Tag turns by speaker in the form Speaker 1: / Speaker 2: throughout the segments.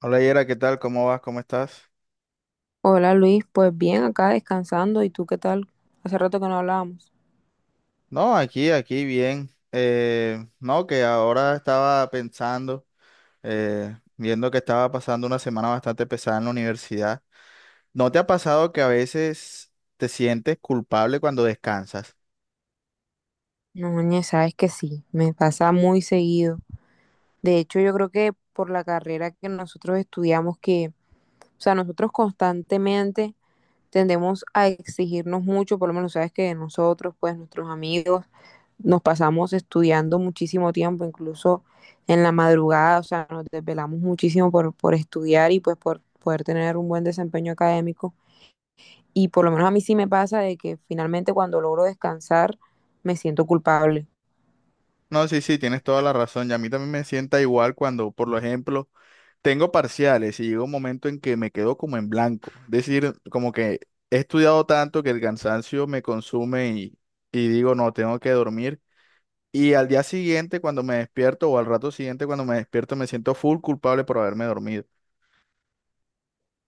Speaker 1: Hola Yera, ¿qué tal? ¿Cómo vas? ¿Cómo estás?
Speaker 2: Hola Luis, pues bien, acá descansando. ¿Y tú qué tal? Hace rato que no hablábamos.
Speaker 1: No, aquí bien. No, que ahora estaba pensando, viendo que estaba pasando una semana bastante pesada en la universidad. ¿No te ha pasado que a veces te sientes culpable cuando descansas?
Speaker 2: No, ñe, sabes que sí, me pasa muy seguido. De hecho, yo creo que por la carrera que nosotros estudiamos, o sea, nosotros constantemente tendemos a exigirnos mucho, por lo menos sabes que nosotros, pues nuestros amigos, nos pasamos estudiando muchísimo tiempo, incluso en la madrugada, o sea, nos desvelamos muchísimo por estudiar y pues por poder tener un buen desempeño académico. Y por lo menos a mí sí me pasa de que finalmente cuando logro descansar me siento culpable.
Speaker 1: No, sí, sí, tienes toda la razón. Y a mí también me sienta igual cuando, por lo ejemplo, tengo parciales y llega un momento en que me quedo como en blanco. Es decir, como que he estudiado tanto que el cansancio me consume y digo, no, tengo que dormir. Y al día siguiente, cuando me despierto, o al rato siguiente, cuando me despierto, me siento full culpable por haberme dormido.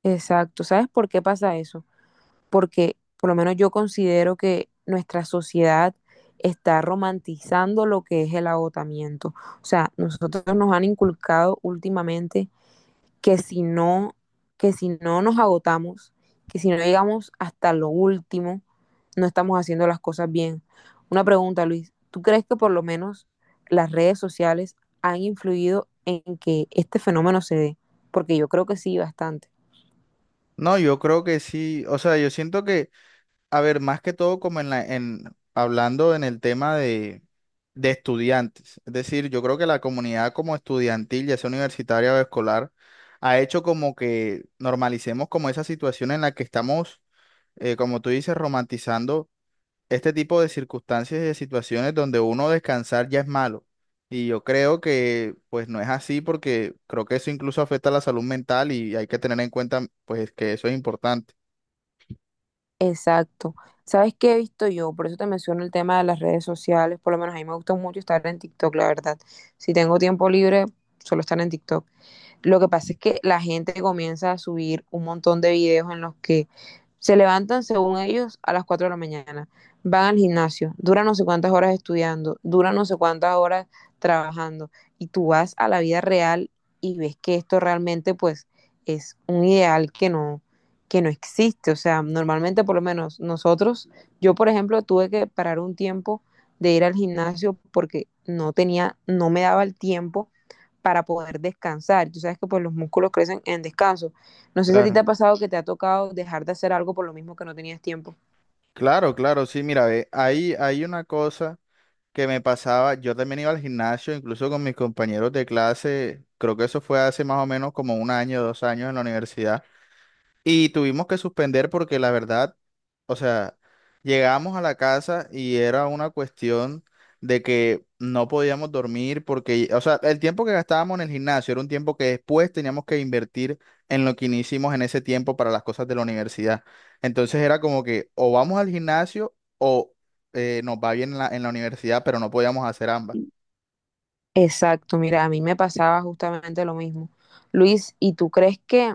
Speaker 2: Exacto. ¿Sabes por qué pasa eso? Porque por lo menos yo considero que nuestra sociedad está romantizando lo que es el agotamiento. O sea, nosotros nos han inculcado últimamente que si no, que si no nos agotamos, que si no llegamos hasta lo último, no estamos haciendo las cosas bien. Una pregunta, Luis, ¿tú crees que por lo menos las redes sociales han influido en que este fenómeno se dé? Porque yo creo que sí, bastante.
Speaker 1: No, yo creo que sí, o sea, yo siento que, a ver, más que todo como hablando en el tema de estudiantes, es decir, yo creo que la comunidad como estudiantil, ya sea universitaria o escolar, ha hecho como que normalicemos como esa situación en la que estamos, como tú dices, romantizando este tipo de circunstancias y de situaciones donde uno descansar ya es malo. Y yo creo que pues no es así porque creo que eso incluso afecta a la salud mental y hay que tener en cuenta pues que eso es importante.
Speaker 2: Exacto. ¿Sabes qué he visto yo? Por eso te menciono el tema de las redes sociales. Por lo menos a mí me gusta mucho estar en TikTok, la verdad. Si tengo tiempo libre, solo estar en TikTok. Lo que pasa es que la gente comienza a subir un montón de videos en los que se levantan, según ellos, a las 4 de la mañana. Van al gimnasio, duran no sé cuántas horas estudiando, duran no sé cuántas horas trabajando. Y tú vas a la vida real y ves que esto realmente, pues, es un ideal que no existe. O sea, normalmente, por lo menos nosotros, yo, por ejemplo, tuve que parar un tiempo de ir al gimnasio porque no me daba el tiempo para poder descansar. Tú sabes que pues los músculos crecen en descanso. No sé si a ti te
Speaker 1: Claro.
Speaker 2: ha pasado que te ha tocado dejar de hacer algo por lo mismo que no tenías tiempo.
Speaker 1: Claro, claro, sí, mira, ve, ahí hay una cosa que me pasaba, yo también iba al gimnasio, incluso con mis compañeros de clase, creo que eso fue hace más o menos como un año, 2 años en la universidad. Y tuvimos que suspender porque la verdad, o sea, llegamos a la casa y era una cuestión de que no podíamos dormir porque, o sea, el tiempo que gastábamos en el gimnasio era un tiempo que después teníamos que invertir en lo que no hicimos en ese tiempo para las cosas de la universidad. Entonces era como que o vamos al gimnasio o nos va bien en la universidad, pero no podíamos hacer ambas.
Speaker 2: Exacto, mira, a mí me pasaba justamente lo mismo. Luis, ¿y tú crees que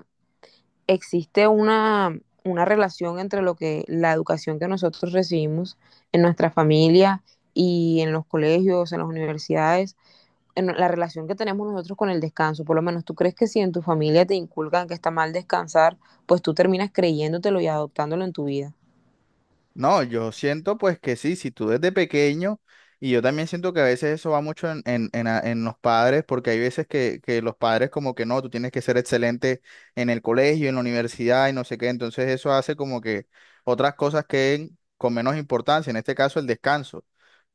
Speaker 2: existe una relación entre lo que la educación que nosotros recibimos en nuestra familia y en los colegios, en las universidades, en la relación que tenemos nosotros con el descanso, por lo menos tú crees que si en tu familia te inculcan que está mal descansar, pues tú terminas creyéndotelo y adoptándolo en tu vida.
Speaker 1: No, yo siento pues que sí, si tú desde pequeño, y yo también siento que a veces eso va mucho en, en los padres, porque hay veces que los padres como que no, tú tienes que ser excelente en el colegio, en la universidad y no sé qué, entonces eso hace como que otras cosas queden con menos importancia, en este caso el descanso.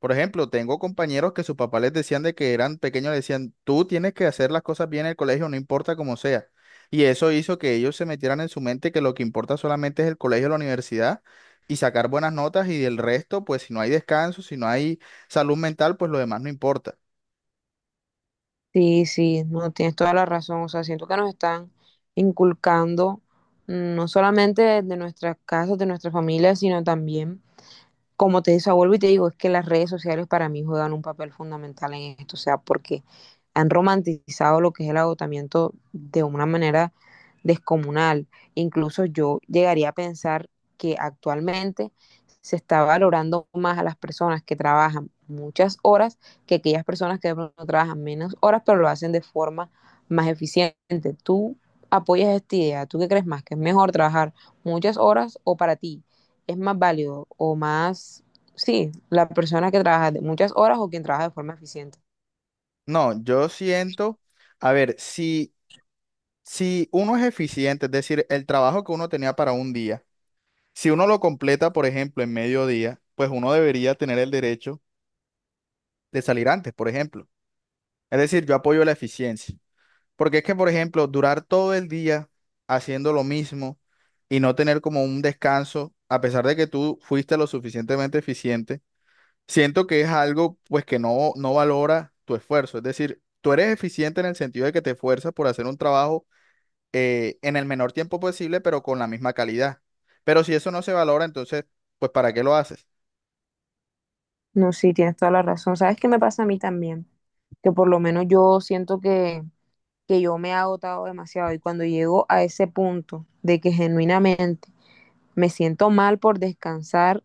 Speaker 1: Por ejemplo, tengo compañeros que sus papás les decían de que eran pequeños, les decían, tú tienes que hacer las cosas bien en el colegio, no importa cómo sea. Y eso hizo que ellos se metieran en su mente que lo que importa solamente es el colegio o la universidad y sacar buenas notas y del resto, pues si no hay descanso, si no hay salud mental, pues lo demás no importa.
Speaker 2: Sí, sí, no tienes toda la razón, o sea, siento que nos están inculcando no solamente de nuestras casas, de nuestra familia, sino también como te decía, vuelvo y te digo, es que las redes sociales para mí juegan un papel fundamental en esto, o sea, porque han romantizado lo que es el agotamiento de una manera descomunal. Incluso yo llegaría a pensar que actualmente se está valorando más a las personas que trabajan muchas horas que aquellas personas que de pronto trabajan menos horas, pero lo hacen de forma más eficiente. ¿Tú apoyas esta idea? ¿Tú qué crees más? ¿Que es mejor trabajar muchas horas o para ti es más válido o más, sí, la persona que trabaja de muchas horas o quien trabaja de forma eficiente?
Speaker 1: No, yo siento, a ver, si, si uno es eficiente, es decir, el trabajo que uno tenía para un día, si uno lo completa, por ejemplo, en mediodía, pues uno debería tener el derecho de salir antes, por ejemplo. Es decir, yo apoyo la eficiencia, porque es que, por ejemplo, durar todo el día haciendo lo mismo y no tener como un descanso, a pesar de que tú fuiste lo suficientemente eficiente, siento que es algo pues que no, no valora tu esfuerzo. Es decir, tú eres eficiente en el sentido de que te esfuerzas por hacer un trabajo en el menor tiempo posible, pero con la misma calidad. Pero si eso no se valora, entonces, pues ¿para qué lo haces?
Speaker 2: No, sí, tienes toda la razón. ¿Sabes qué me pasa a mí también? Que por lo menos yo siento que yo me he agotado demasiado y cuando llego a ese punto de que genuinamente me siento mal por descansar,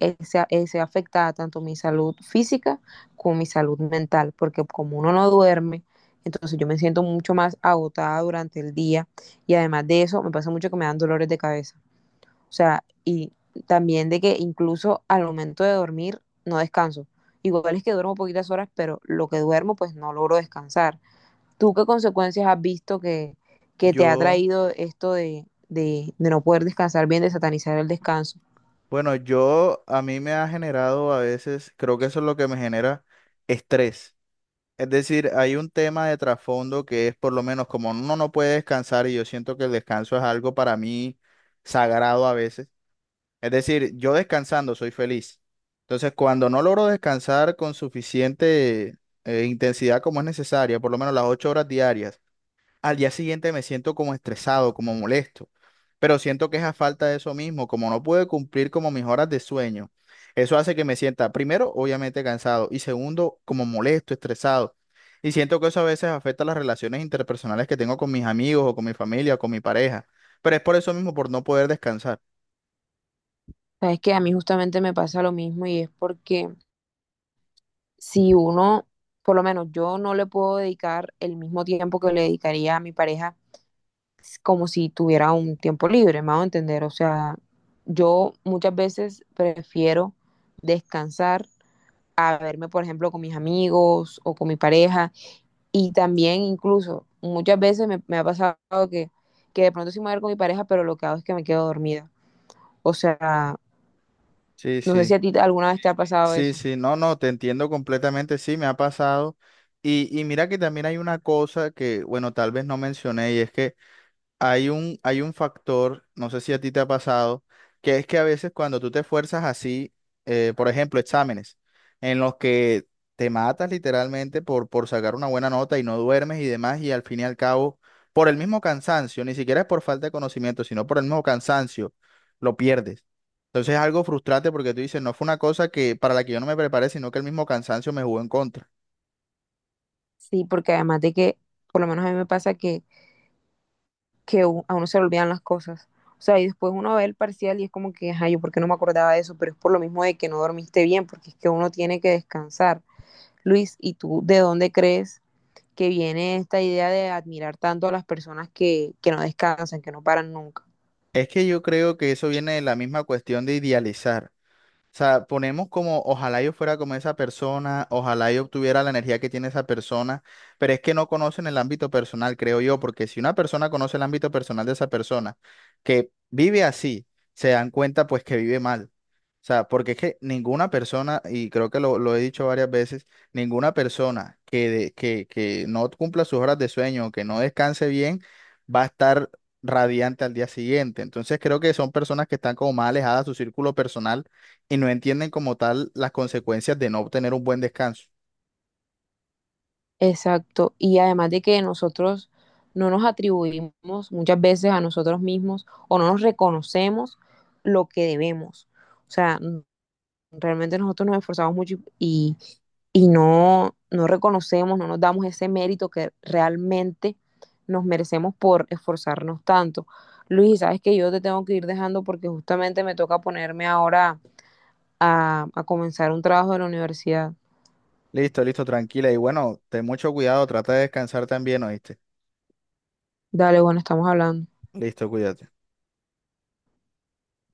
Speaker 2: se afecta tanto mi salud física como mi salud mental, porque como uno no duerme, entonces yo me siento mucho más agotada durante el día y además de eso me pasa mucho que me dan dolores de cabeza. O sea, y también de que incluso al momento de dormir no descanso. Igual es que duermo poquitas horas, pero lo que duermo pues no logro descansar. ¿Tú qué consecuencias has visto que te ha
Speaker 1: Yo,
Speaker 2: traído esto de no poder descansar bien, de satanizar el descanso?
Speaker 1: bueno, yo a mí me ha generado a veces, creo que eso es lo que me genera estrés. Es decir, hay un tema de trasfondo que es por lo menos como uno no puede descansar y yo siento que el descanso es algo para mí sagrado a veces. Es decir, yo descansando soy feliz. Entonces, cuando no logro descansar con suficiente intensidad como es necesaria, por lo menos las 8 horas diarias, al día siguiente me siento como estresado, como molesto. Pero siento que es a falta de eso mismo, como no pude cumplir como mis horas de sueño. Eso hace que me sienta, primero, obviamente cansado y segundo, como molesto, estresado. Y siento que eso a veces afecta las relaciones interpersonales que tengo con mis amigos o con mi familia o con mi pareja. Pero es por eso mismo, por no poder descansar.
Speaker 2: Sabes que a mí justamente me pasa lo mismo y es porque si uno, por lo menos yo no le puedo dedicar el mismo tiempo que le dedicaría a mi pareja como si tuviera un tiempo libre, me hago entender. O sea, yo muchas veces prefiero descansar a verme, por ejemplo, con mis amigos o con mi pareja. Y también incluso muchas veces me ha pasado que, que de pronto sí me voy a ver con mi pareja, pero lo que hago es que me quedo dormida. O sea,
Speaker 1: Sí,
Speaker 2: no sé si
Speaker 1: sí.
Speaker 2: a ti alguna vez te ha pasado
Speaker 1: Sí,
Speaker 2: eso.
Speaker 1: sí, no, no, te entiendo completamente, sí, me ha pasado. Y mira que también hay una cosa que, bueno, tal vez no mencioné, y es que hay un factor, no sé si a ti te ha pasado, que es que a veces cuando tú te esfuerzas así, por ejemplo, exámenes, en los que te matas literalmente por sacar una buena nota y no duermes y demás, y al fin y al cabo, por el mismo cansancio, ni siquiera es por falta de conocimiento, sino por el mismo cansancio, lo pierdes. Entonces es algo frustrante porque tú dices, no fue una cosa que para la que yo no me preparé, sino que el mismo cansancio me jugó en contra.
Speaker 2: Sí, porque además de que, por lo menos a mí me pasa que a uno se le olvidan las cosas. O sea, y después uno ve el parcial y es como que, ay, yo por qué no me acordaba de eso, pero es por lo mismo de que no dormiste bien, porque es que uno tiene que descansar. Luis, ¿y tú de dónde crees que viene esta idea de admirar tanto a las personas que no descansan, que no paran nunca?
Speaker 1: Es que yo creo que eso viene de la misma cuestión de idealizar. O sea, ponemos como, ojalá yo fuera como esa persona, ojalá yo obtuviera la energía que tiene esa persona, pero es que no conocen el ámbito personal, creo yo, porque si una persona conoce el ámbito personal de esa persona, que vive así, se dan cuenta pues que vive mal. O sea, porque es que ninguna persona, y creo que lo he dicho varias veces, ninguna persona que no cumpla sus horas de sueño, que no descanse bien, va a estar radiante al día siguiente. Entonces creo que son personas que están como más alejadas de su círculo personal y no entienden como tal las consecuencias de no obtener un buen descanso.
Speaker 2: Exacto, y además de que nosotros no nos atribuimos muchas veces a nosotros mismos o no nos reconocemos lo que debemos. O sea, realmente nosotros nos esforzamos mucho y no reconocemos, no nos damos ese mérito que realmente nos merecemos por esforzarnos tanto. Luis, sabes que yo te tengo que ir dejando porque justamente me toca ponerme ahora a comenzar un trabajo de la universidad.
Speaker 1: Listo, listo, tranquila. Y bueno, ten mucho cuidado, trata de descansar también, ¿oíste?
Speaker 2: Dale, bueno, estamos hablando.
Speaker 1: Listo, cuídate.